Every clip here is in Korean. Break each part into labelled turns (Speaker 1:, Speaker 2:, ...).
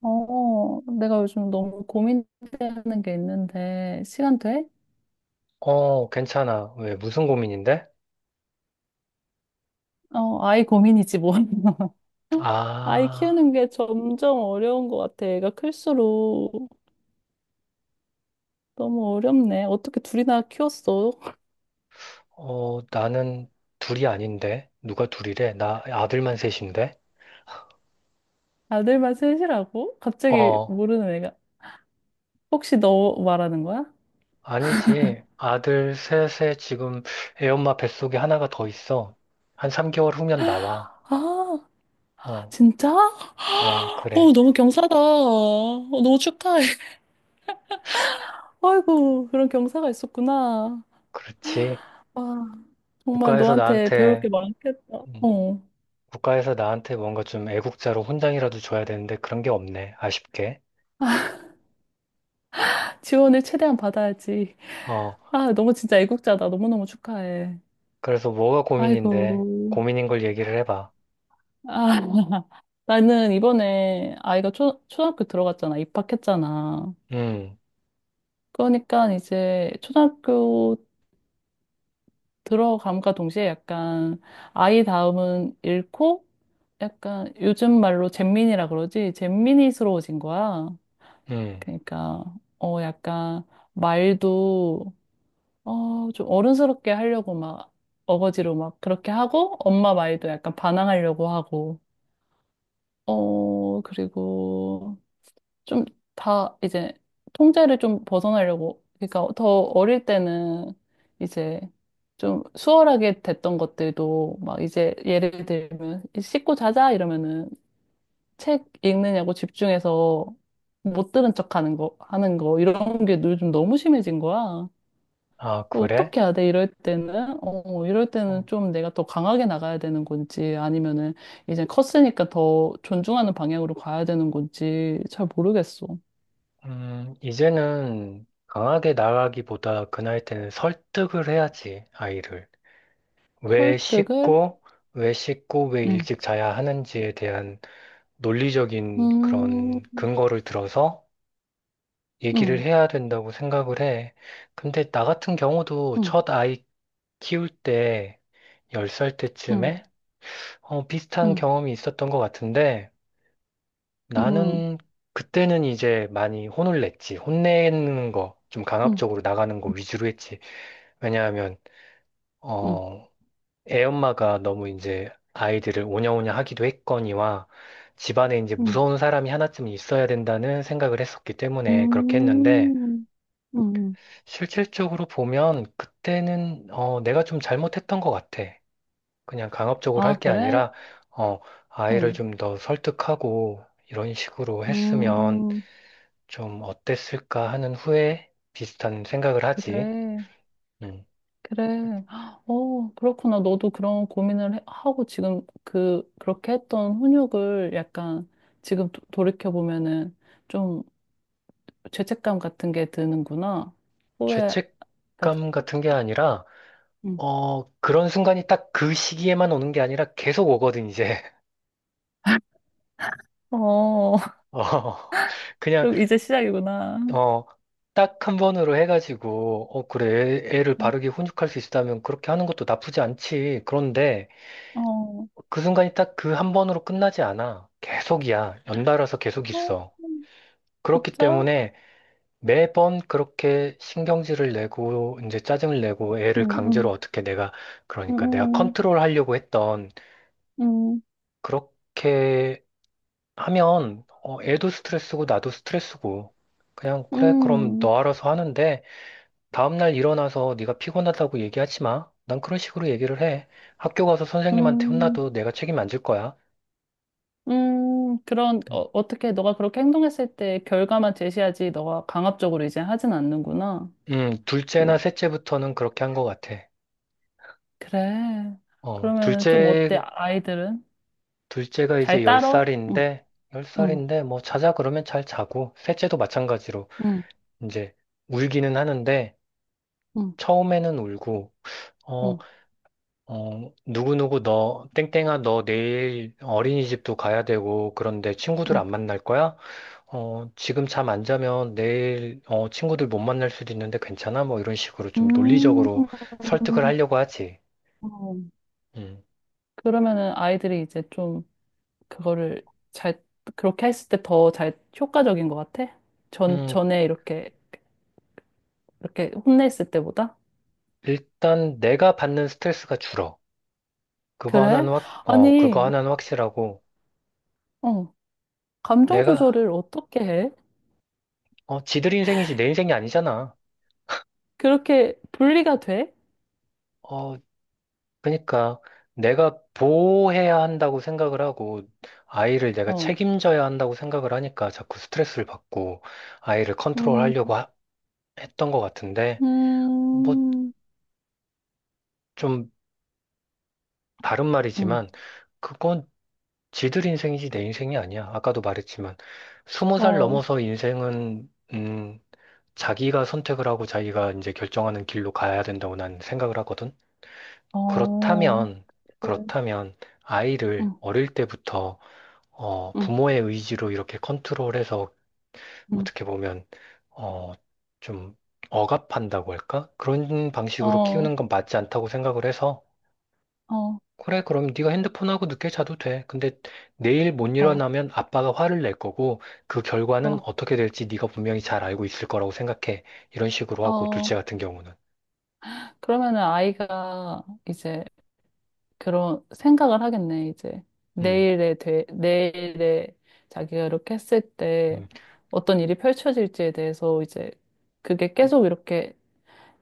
Speaker 1: 내가 요즘 너무 고민되는 게 있는데, 시간 돼?
Speaker 2: 괜찮아. 왜, 무슨 고민인데?
Speaker 1: 아이 고민이지, 뭐. 아이
Speaker 2: 아,
Speaker 1: 키우는 게 점점 어려운 것 같아. 애가 클수록 너무 어렵네. 어떻게 둘이나 키웠어?
Speaker 2: 나는 둘이 아닌데. 누가 둘이래? 나 아들만 셋인데?
Speaker 1: 아들만 셋이라고? 갑자기
Speaker 2: 어,
Speaker 1: 모르는 애가. 혹시 너 말하는 거야?
Speaker 2: 아니지. 아들 셋에 지금 애 엄마 뱃속에 하나가 더 있어. 한 3개월 후면 나와.
Speaker 1: 아,
Speaker 2: 어,
Speaker 1: 진짜?
Speaker 2: 그래.
Speaker 1: 너무 경사다. 너무 축하해. 아이고, 그런 경사가 있었구나.
Speaker 2: 그렇지.
Speaker 1: 와, 정말
Speaker 2: 국가에서
Speaker 1: 너한테 배울
Speaker 2: 나한테,
Speaker 1: 게 많겠다.
Speaker 2: 음,
Speaker 1: 어.
Speaker 2: 국가에서 나한테 뭔가 좀 애국자로 훈장이라도 줘야 되는데 그런 게 없네. 아쉽게.
Speaker 1: 지원을 최대한 받아야지.
Speaker 2: 어,
Speaker 1: 아, 너무 진짜 애국자다. 너무너무 축하해.
Speaker 2: 그래서 뭐가
Speaker 1: 아이고.
Speaker 2: 고민인데? 고민인 걸 얘기를 해봐.
Speaker 1: 아, 나는 이번에 아이가 초등학교 들어갔잖아. 입학했잖아.
Speaker 2: 음.
Speaker 1: 그러니까 이제 초등학교 들어감과 동시에 약간 아이 다음은 잃고 약간 요즘 말로 잼민이라 그러지. 잼민이스러워진 거야.
Speaker 2: 음.
Speaker 1: 그러니까, 약간 말도 좀 어른스럽게 하려고 막 어거지로 막 그렇게 하고 엄마 말도 약간 반항하려고 하고 그리고 좀 다 이제 통제를 좀 벗어나려고 그러니까 더 어릴 때는 이제 좀 수월하게 됐던 것들도 막 이제 예를 들면 씻고 자자 이러면은 책 읽느냐고 집중해서 못 들은 척 하는 거 이런 게 요즘 너무 심해진 거야.
Speaker 2: 아, 그래?
Speaker 1: 어떻게 해야 돼? 이럴 때는? 이럴 때는
Speaker 2: 어,
Speaker 1: 좀 내가 더 강하게 나가야 되는 건지 아니면은 이제 컸으니까 더 존중하는 방향으로 가야 되는 건지 잘 모르겠어.
Speaker 2: 이제는 강하게 나가기보다 그 나이 때는 설득을 해야지, 아이를. 왜
Speaker 1: 설득을?
Speaker 2: 씻고, 왜 씻고, 왜
Speaker 1: 응.
Speaker 2: 일찍 자야 하는지에 대한 논리적인
Speaker 1: 음,
Speaker 2: 그런 근거를 들어서 얘기를
Speaker 1: 응,
Speaker 2: 해야 된다고 생각을 해. 근데 나 같은 경우도
Speaker 1: 응,
Speaker 2: 첫 아이 키울 때, 10살
Speaker 1: 응,
Speaker 2: 때쯤에 비슷한
Speaker 1: 응,
Speaker 2: 경험이 있었던 것 같은데,
Speaker 1: 응, 응,
Speaker 2: 나는 그때는 이제 많이 혼을 냈지. 혼내는 거, 좀
Speaker 1: 응,
Speaker 2: 강압적으로 나가는 거 위주로 했지. 왜냐하면,
Speaker 1: 응,
Speaker 2: 어, 애 엄마가 너무 이제 아이들을 오냐오냐 하기도 했거니와 집안에 이제
Speaker 1: 응,
Speaker 2: 무서운 사람이 하나쯤 있어야 된다는 생각을 했었기 때문에 그렇게 했는데
Speaker 1: 응.
Speaker 2: 실질적으로 보면 그때는 내가 좀 잘못했던 것 같아. 그냥 강압적으로 할
Speaker 1: 아,
Speaker 2: 게
Speaker 1: 그래?
Speaker 2: 아니라 어, 아이를
Speaker 1: 어,
Speaker 2: 좀 더 설득하고 이런 식으로 했으면
Speaker 1: 음,
Speaker 2: 좀 어땠을까 하는 후에 비슷한 생각을 하지.
Speaker 1: 그래.
Speaker 2: 음,
Speaker 1: 그래. 어, 그렇구나. 너도 그런 고민을 하고 지금 그렇게 했던 훈육을 약간 지금 돌이켜보면은 좀 죄책감 같은 게 드는구나. 후회, 같은-
Speaker 2: 죄책감 같은 게 아니라,
Speaker 1: 응.
Speaker 2: 그런 순간이 딱 그 시기에만 오는 게 아니라 계속 오거든, 이제.
Speaker 1: 어,
Speaker 2: 어,
Speaker 1: 그
Speaker 2: 그냥,
Speaker 1: 럼 이제 시작이구나.
Speaker 2: 어, 딱 한 번으로 해가지고, 어, 그래, 애를
Speaker 1: 어,
Speaker 2: 바르게 훈육할 수 있다면 그렇게 하는 것도 나쁘지 않지. 그런데
Speaker 1: 어,
Speaker 2: 그 순간이 딱 그 한 번으로 끝나지 않아. 계속이야. 연달아서 계속
Speaker 1: 어,
Speaker 2: 있어. 그렇기
Speaker 1: 진짜?
Speaker 2: 때문에 매번 그렇게 신경질을 내고 이제 짜증을 내고
Speaker 1: 응,
Speaker 2: 애를 강제로
Speaker 1: 응,
Speaker 2: 어떻게 내가 그러니까 내가
Speaker 1: 응,
Speaker 2: 컨트롤하려고 했던
Speaker 1: 응,
Speaker 2: 그렇게 하면 애도 스트레스고 나도 스트레스고 그냥
Speaker 1: 응,
Speaker 2: 그래 그럼
Speaker 1: 응,
Speaker 2: 너 알아서 하는데 다음날 일어나서 네가 피곤하다고 얘기하지 마. 난 그런 식으로 얘기를 해. 학교 가서 선생님한테
Speaker 1: 응.
Speaker 2: 혼나도 내가 책임 안 질 거야.
Speaker 1: 응. 그런, 어떻게 너가 그렇게 행동했을 때 결과만 제시하지, 너가 강압적으로 이제 하진 않는구나.
Speaker 2: 둘째나
Speaker 1: 그거.
Speaker 2: 셋째부터는 그렇게 한 것 같아.
Speaker 1: 그래.
Speaker 2: 어,
Speaker 1: 그러면 좀 어때,
Speaker 2: 둘째
Speaker 1: 아이들은?
Speaker 2: 둘째가 이제
Speaker 1: 잘 따러? 응,
Speaker 2: 10살인데, 열 살
Speaker 1: 응,
Speaker 2: 인데 뭐, 자자 그러면 잘 자고, 셋째도 마찬가지로,
Speaker 1: 응,
Speaker 2: 이제, 울기는 하는데,
Speaker 1: 응,
Speaker 2: 처음에는 울고, 어,
Speaker 1: 응,
Speaker 2: 어, 누구누구 너, 땡땡아, 너 내일 어린이집도 가야 되고, 그런데 친구들
Speaker 1: 응.
Speaker 2: 안 만날 거야? 어, 지금 잠 안 자면 내일, 친구들 못 만날 수도 있는데 괜찮아? 뭐, 이런 식으로 좀
Speaker 1: 음,
Speaker 2: 논리적으로 설득을 하려고 하지.
Speaker 1: 어.
Speaker 2: 음,
Speaker 1: 그러면은 아이들이 이제 좀 그거를 잘, 그렇게 했을 때 더 잘 효과적인 것 같아?
Speaker 2: 음,
Speaker 1: 전에 이렇게, 이렇게 혼냈을 때보다?
Speaker 2: 일단 내가 받는 스트레스가 줄어.
Speaker 1: 그래?
Speaker 2: 그거
Speaker 1: 아니,
Speaker 2: 하나는 확실하고,
Speaker 1: 어, 감정 조절을
Speaker 2: 내가,
Speaker 1: 어떻게 해?
Speaker 2: 지들 인생이지 내 인생이 아니잖아.
Speaker 1: 그렇게 분리가 돼?
Speaker 2: 어, 그러니까 내가 보호해야 한다고 생각을 하고, 아이를 내가
Speaker 1: 어,
Speaker 2: 책임져야 한다고 생각을 하니까 자꾸 스트레스를 받고, 아이를 컨트롤하려고
Speaker 1: 음,
Speaker 2: 하- 했던 것 같은데, 뭐,
Speaker 1: 음,
Speaker 2: 좀 다른
Speaker 1: 음,
Speaker 2: 말이지만, 그건 지들 인생이지 내 인생이 아니야. 아까도 말했지만, 20살
Speaker 1: 어.
Speaker 2: 넘어서 인생은, 자기가 선택을 하고 자기가 이제 결정하는 길로 가야 된다고 난 생각을 하거든.
Speaker 1: 어,
Speaker 2: 그렇다면,
Speaker 1: 래
Speaker 2: 그렇다면 아이를
Speaker 1: 응,
Speaker 2: 어릴 때부터
Speaker 1: 응,
Speaker 2: 부모의 의지로 이렇게 컨트롤해서
Speaker 1: 응.
Speaker 2: 어떻게 보면 어, 좀 억압한다고 할까? 그런 방식으로 키우는
Speaker 1: 어,
Speaker 2: 건 맞지 않다고 생각을 해서
Speaker 1: 어,
Speaker 2: 그래, 그럼 네가 핸드폰하고 늦게 자도 돼. 근데 내일 못
Speaker 1: 어,
Speaker 2: 일어나면 아빠가 화를 낼 거고 그 결과는
Speaker 1: 어,
Speaker 2: 어떻게 될지 네가 분명히 잘 알고 있을 거라고 생각해. 이런 식으로 하고
Speaker 1: 어.
Speaker 2: 둘째 같은 경우는.
Speaker 1: 그러면은 아이가 이제 그런 생각을 하겠네, 이제.
Speaker 2: 음,
Speaker 1: 내일에 돼, 내일에 자기가 이렇게 했을 때
Speaker 2: 음.
Speaker 1: 어떤 일이 펼쳐질지에 대해서 이제 그게 계속 이렇게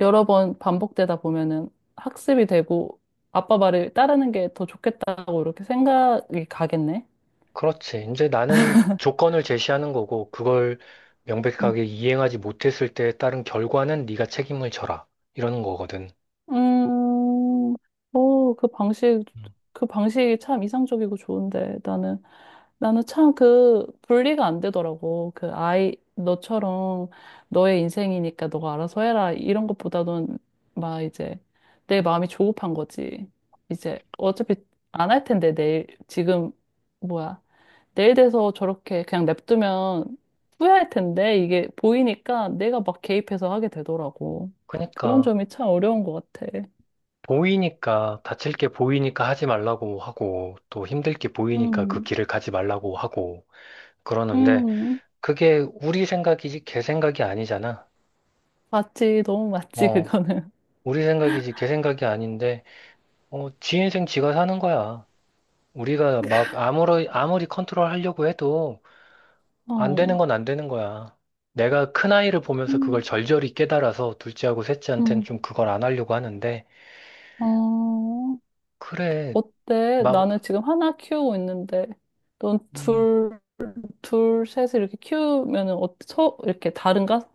Speaker 1: 여러 번 반복되다 보면은 학습이 되고 아빠 말을 따르는 게 더 좋겠다고 이렇게 생각이 가겠네.
Speaker 2: 그렇지. 이제 나는 조건을 제시하는 거고, 그걸
Speaker 1: 응.
Speaker 2: 명백하게 이행하지 못했을 때에 따른 결과는 네가 책임을 져라. 이러는 거거든.
Speaker 1: 음, 오, 그 방식,
Speaker 2: 음.
Speaker 1: 그 방식이 참 이상적이고 좋은데, 나는, 나는 참 그 분리가 안 되더라고. 그 아이, 너처럼 너의 인생이니까 너가 알아서 해라. 이런 것보다는 막 이제 내 마음이 조급한 거지. 이제 어차피 안 할 텐데, 내일, 지금, 뭐야. 내일 돼서 저렇게 그냥 냅두면 후회할 텐데, 이게 보이니까 내가 막 개입해서 하게 되더라고. 그런
Speaker 2: 그러니까,
Speaker 1: 점이 참 어려운 것 같아.
Speaker 2: 보이니까, 다칠 게 보이니까 하지 말라고 하고, 또 힘들 게 보이니까 그
Speaker 1: 음,
Speaker 2: 길을 가지 말라고 하고, 그러는데,
Speaker 1: 음,
Speaker 2: 그게 우리 생각이지, 걔 생각이 아니잖아.
Speaker 1: 맞지, 너무 맞지,
Speaker 2: 어,
Speaker 1: 그거는.
Speaker 2: 우리 생각이지, 걔 생각이 아닌데, 지 인생 지가 사는 거야. 우리가 막 아무리, 아무리 컨트롤 하려고 해도, 안 되는
Speaker 1: 어,
Speaker 2: 건 안 되는 거야. 내가 큰아이를 보면서 그걸
Speaker 1: 음,
Speaker 2: 절절히 깨달아서 둘째하고 셋째한테는
Speaker 1: 음,
Speaker 2: 좀 그걸 안 하려고 하는데,
Speaker 1: 어,
Speaker 2: 그래,
Speaker 1: 어때?
Speaker 2: 막,
Speaker 1: 나는 지금 하나 키우고 있는데, 넌
Speaker 2: 음,
Speaker 1: 둘, 둘, 셋을 이렇게 키우면은, 어, 서, 이렇게 다른가?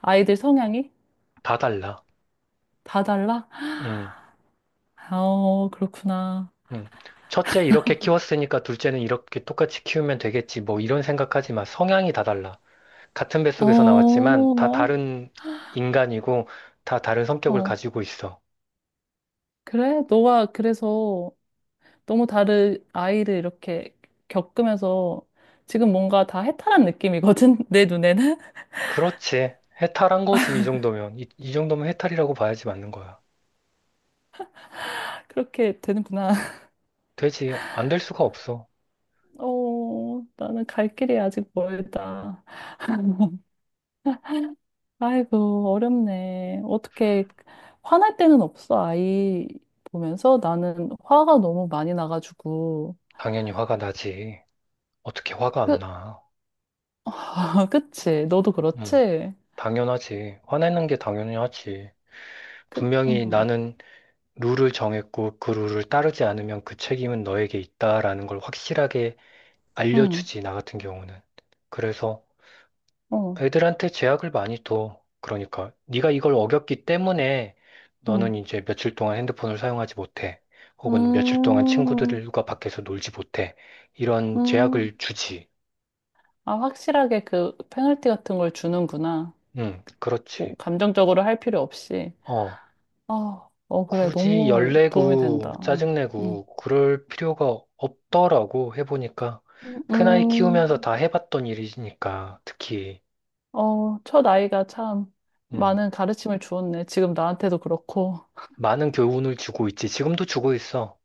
Speaker 1: 아이들 성향이?
Speaker 2: 다 달라.
Speaker 1: 다 달라?
Speaker 2: 음,
Speaker 1: 어, 그렇구나.
Speaker 2: 음. 첫째 이렇게 키웠으니까 둘째는 이렇게 똑같이 키우면 되겠지. 뭐 이런 생각하지 마. 성향이 다 달라. 같은 뱃속에서
Speaker 1: 어,
Speaker 2: 나왔지만 다 다른 인간이고 다 다른 성격을
Speaker 1: 어,
Speaker 2: 가지고 있어.
Speaker 1: 그래? 너가 그래서 너무 다른 아이를 이렇게 겪으면서 지금 뭔가 다 해탈한 느낌이거든, 내 눈에는.
Speaker 2: 그렇지. 해탈한 거지, 이 정도면. 이 정도면 해탈이라고 봐야지 맞는 거야.
Speaker 1: 그렇게 되는구나.
Speaker 2: 되지. 안 될 수가 없어.
Speaker 1: 어, 나는 갈 길이 아직 멀다. 아이고, 어렵네. 어떻게, 화날 때는 없어, 아이 보면서. 나는 화가 너무 많이 나가지고.
Speaker 2: 당연히 화가 나지. 어떻게 화가 안
Speaker 1: 그,
Speaker 2: 나?
Speaker 1: 그치? 너도
Speaker 2: 응,
Speaker 1: 그렇지?
Speaker 2: 당연하지. 화내는 게 당연히 하지.
Speaker 1: 그,
Speaker 2: 분명히
Speaker 1: 응,
Speaker 2: 나는 룰을 정했고 그 룰을 따르지 않으면 그 책임은 너에게 있다라는 걸 확실하게
Speaker 1: 응,
Speaker 2: 알려주지, 나 같은 경우는. 그래서
Speaker 1: 어,
Speaker 2: 애들한테 제약을 많이 둬. 그러니까 네가 이걸 어겼기 때문에
Speaker 1: 응.
Speaker 2: 너는 이제 며칠 동안 핸드폰을 사용하지 못해. 혹은 며칠 동안
Speaker 1: 음,
Speaker 2: 친구들과 밖에서 놀지 못해. 이런
Speaker 1: 음.
Speaker 2: 제약을 주지.
Speaker 1: 아, 확실하게 그 페널티 같은 걸 주는구나.
Speaker 2: 응,
Speaker 1: 뭐
Speaker 2: 그렇지.
Speaker 1: 감정적으로 할 필요 없이.
Speaker 2: 어
Speaker 1: 아, 어, 그래.
Speaker 2: 굳이
Speaker 1: 너무 도움이 된다.
Speaker 2: 열내고
Speaker 1: 어, 음,
Speaker 2: 짜증내고 그럴 필요가 없더라고 해보니까 큰아이
Speaker 1: 음,
Speaker 2: 키우면서 다 해봤던 일이니까 특히
Speaker 1: 어, 첫 아이가 참
Speaker 2: 음,
Speaker 1: 많은 가르침을 주었네. 지금 나한테도 그렇고.
Speaker 2: 많은 교훈을 주고 있지 지금도 주고 있어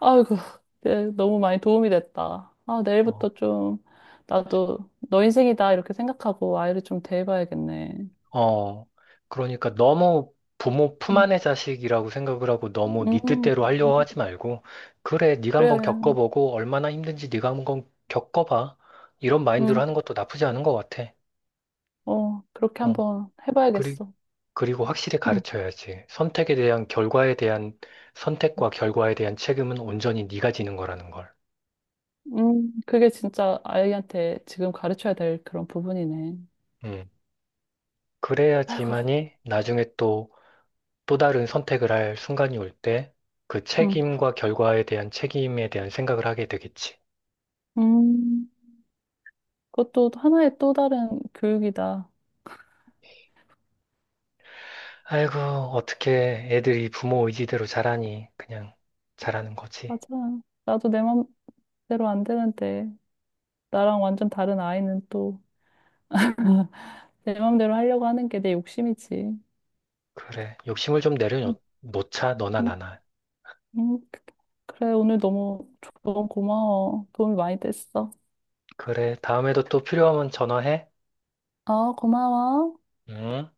Speaker 1: 아이고, 네, 너무 많이 도움이 됐다. 아,
Speaker 2: 어,
Speaker 1: 내일부터 좀 나도 너 인생이다. 이렇게 생각하고 아이를 좀 대해봐야겠네.
Speaker 2: 어, 그러니까 너무 부모 품
Speaker 1: 음,
Speaker 2: 안의 자식이라고 생각을 하고 너무 네
Speaker 1: 음,
Speaker 2: 뜻대로 하려고 하지 말고 그래 네가 한번
Speaker 1: 그래.
Speaker 2: 겪어보고 얼마나 힘든지 네가 한번 겪어봐 이런 마인드로
Speaker 1: 음,
Speaker 2: 하는 것도 나쁘지 않은 것 같아
Speaker 1: 그렇게
Speaker 2: 어,
Speaker 1: 한번
Speaker 2: 그리-
Speaker 1: 해봐야겠어.
Speaker 2: 그리고 확실히
Speaker 1: 음.
Speaker 2: 가르쳐야지. 선택에 대한 결과에 대한 선택과 결과에 대한 책임은 온전히 네가 지는 거라는 걸.
Speaker 1: 그게 진짜 아이한테 지금 가르쳐야 될 그런 부분이네.
Speaker 2: 음.
Speaker 1: 아이고,
Speaker 2: 그래야지만이 나중에 또 또 다른 선택을 할 순간이 올 때 그
Speaker 1: 음,
Speaker 2: 책임과 결과에 대한 책임에 대한 생각을 하게 되겠지.
Speaker 1: 음, 그것도 하나의 또 다른 교육이다.
Speaker 2: 아이고, 어떻게 애들이 부모 의지대로 자라니. 그냥 자라는 거지.
Speaker 1: 맞아. 나도 내 맘대로 안 되는데, 나랑 완전 다른 아이는 또 내 맘대로 하려고 하는 게 내 욕심이지.
Speaker 2: 그래. 욕심을 좀
Speaker 1: 음,
Speaker 2: 내려놓자, 너나
Speaker 1: 음,
Speaker 2: 나나.
Speaker 1: 음. 그래, 오늘 너무 조언 고마워. 도움이 많이 됐어.
Speaker 2: 그래. 다음에도 또 필요하면 전화해.
Speaker 1: 어, 고마워.
Speaker 2: 음.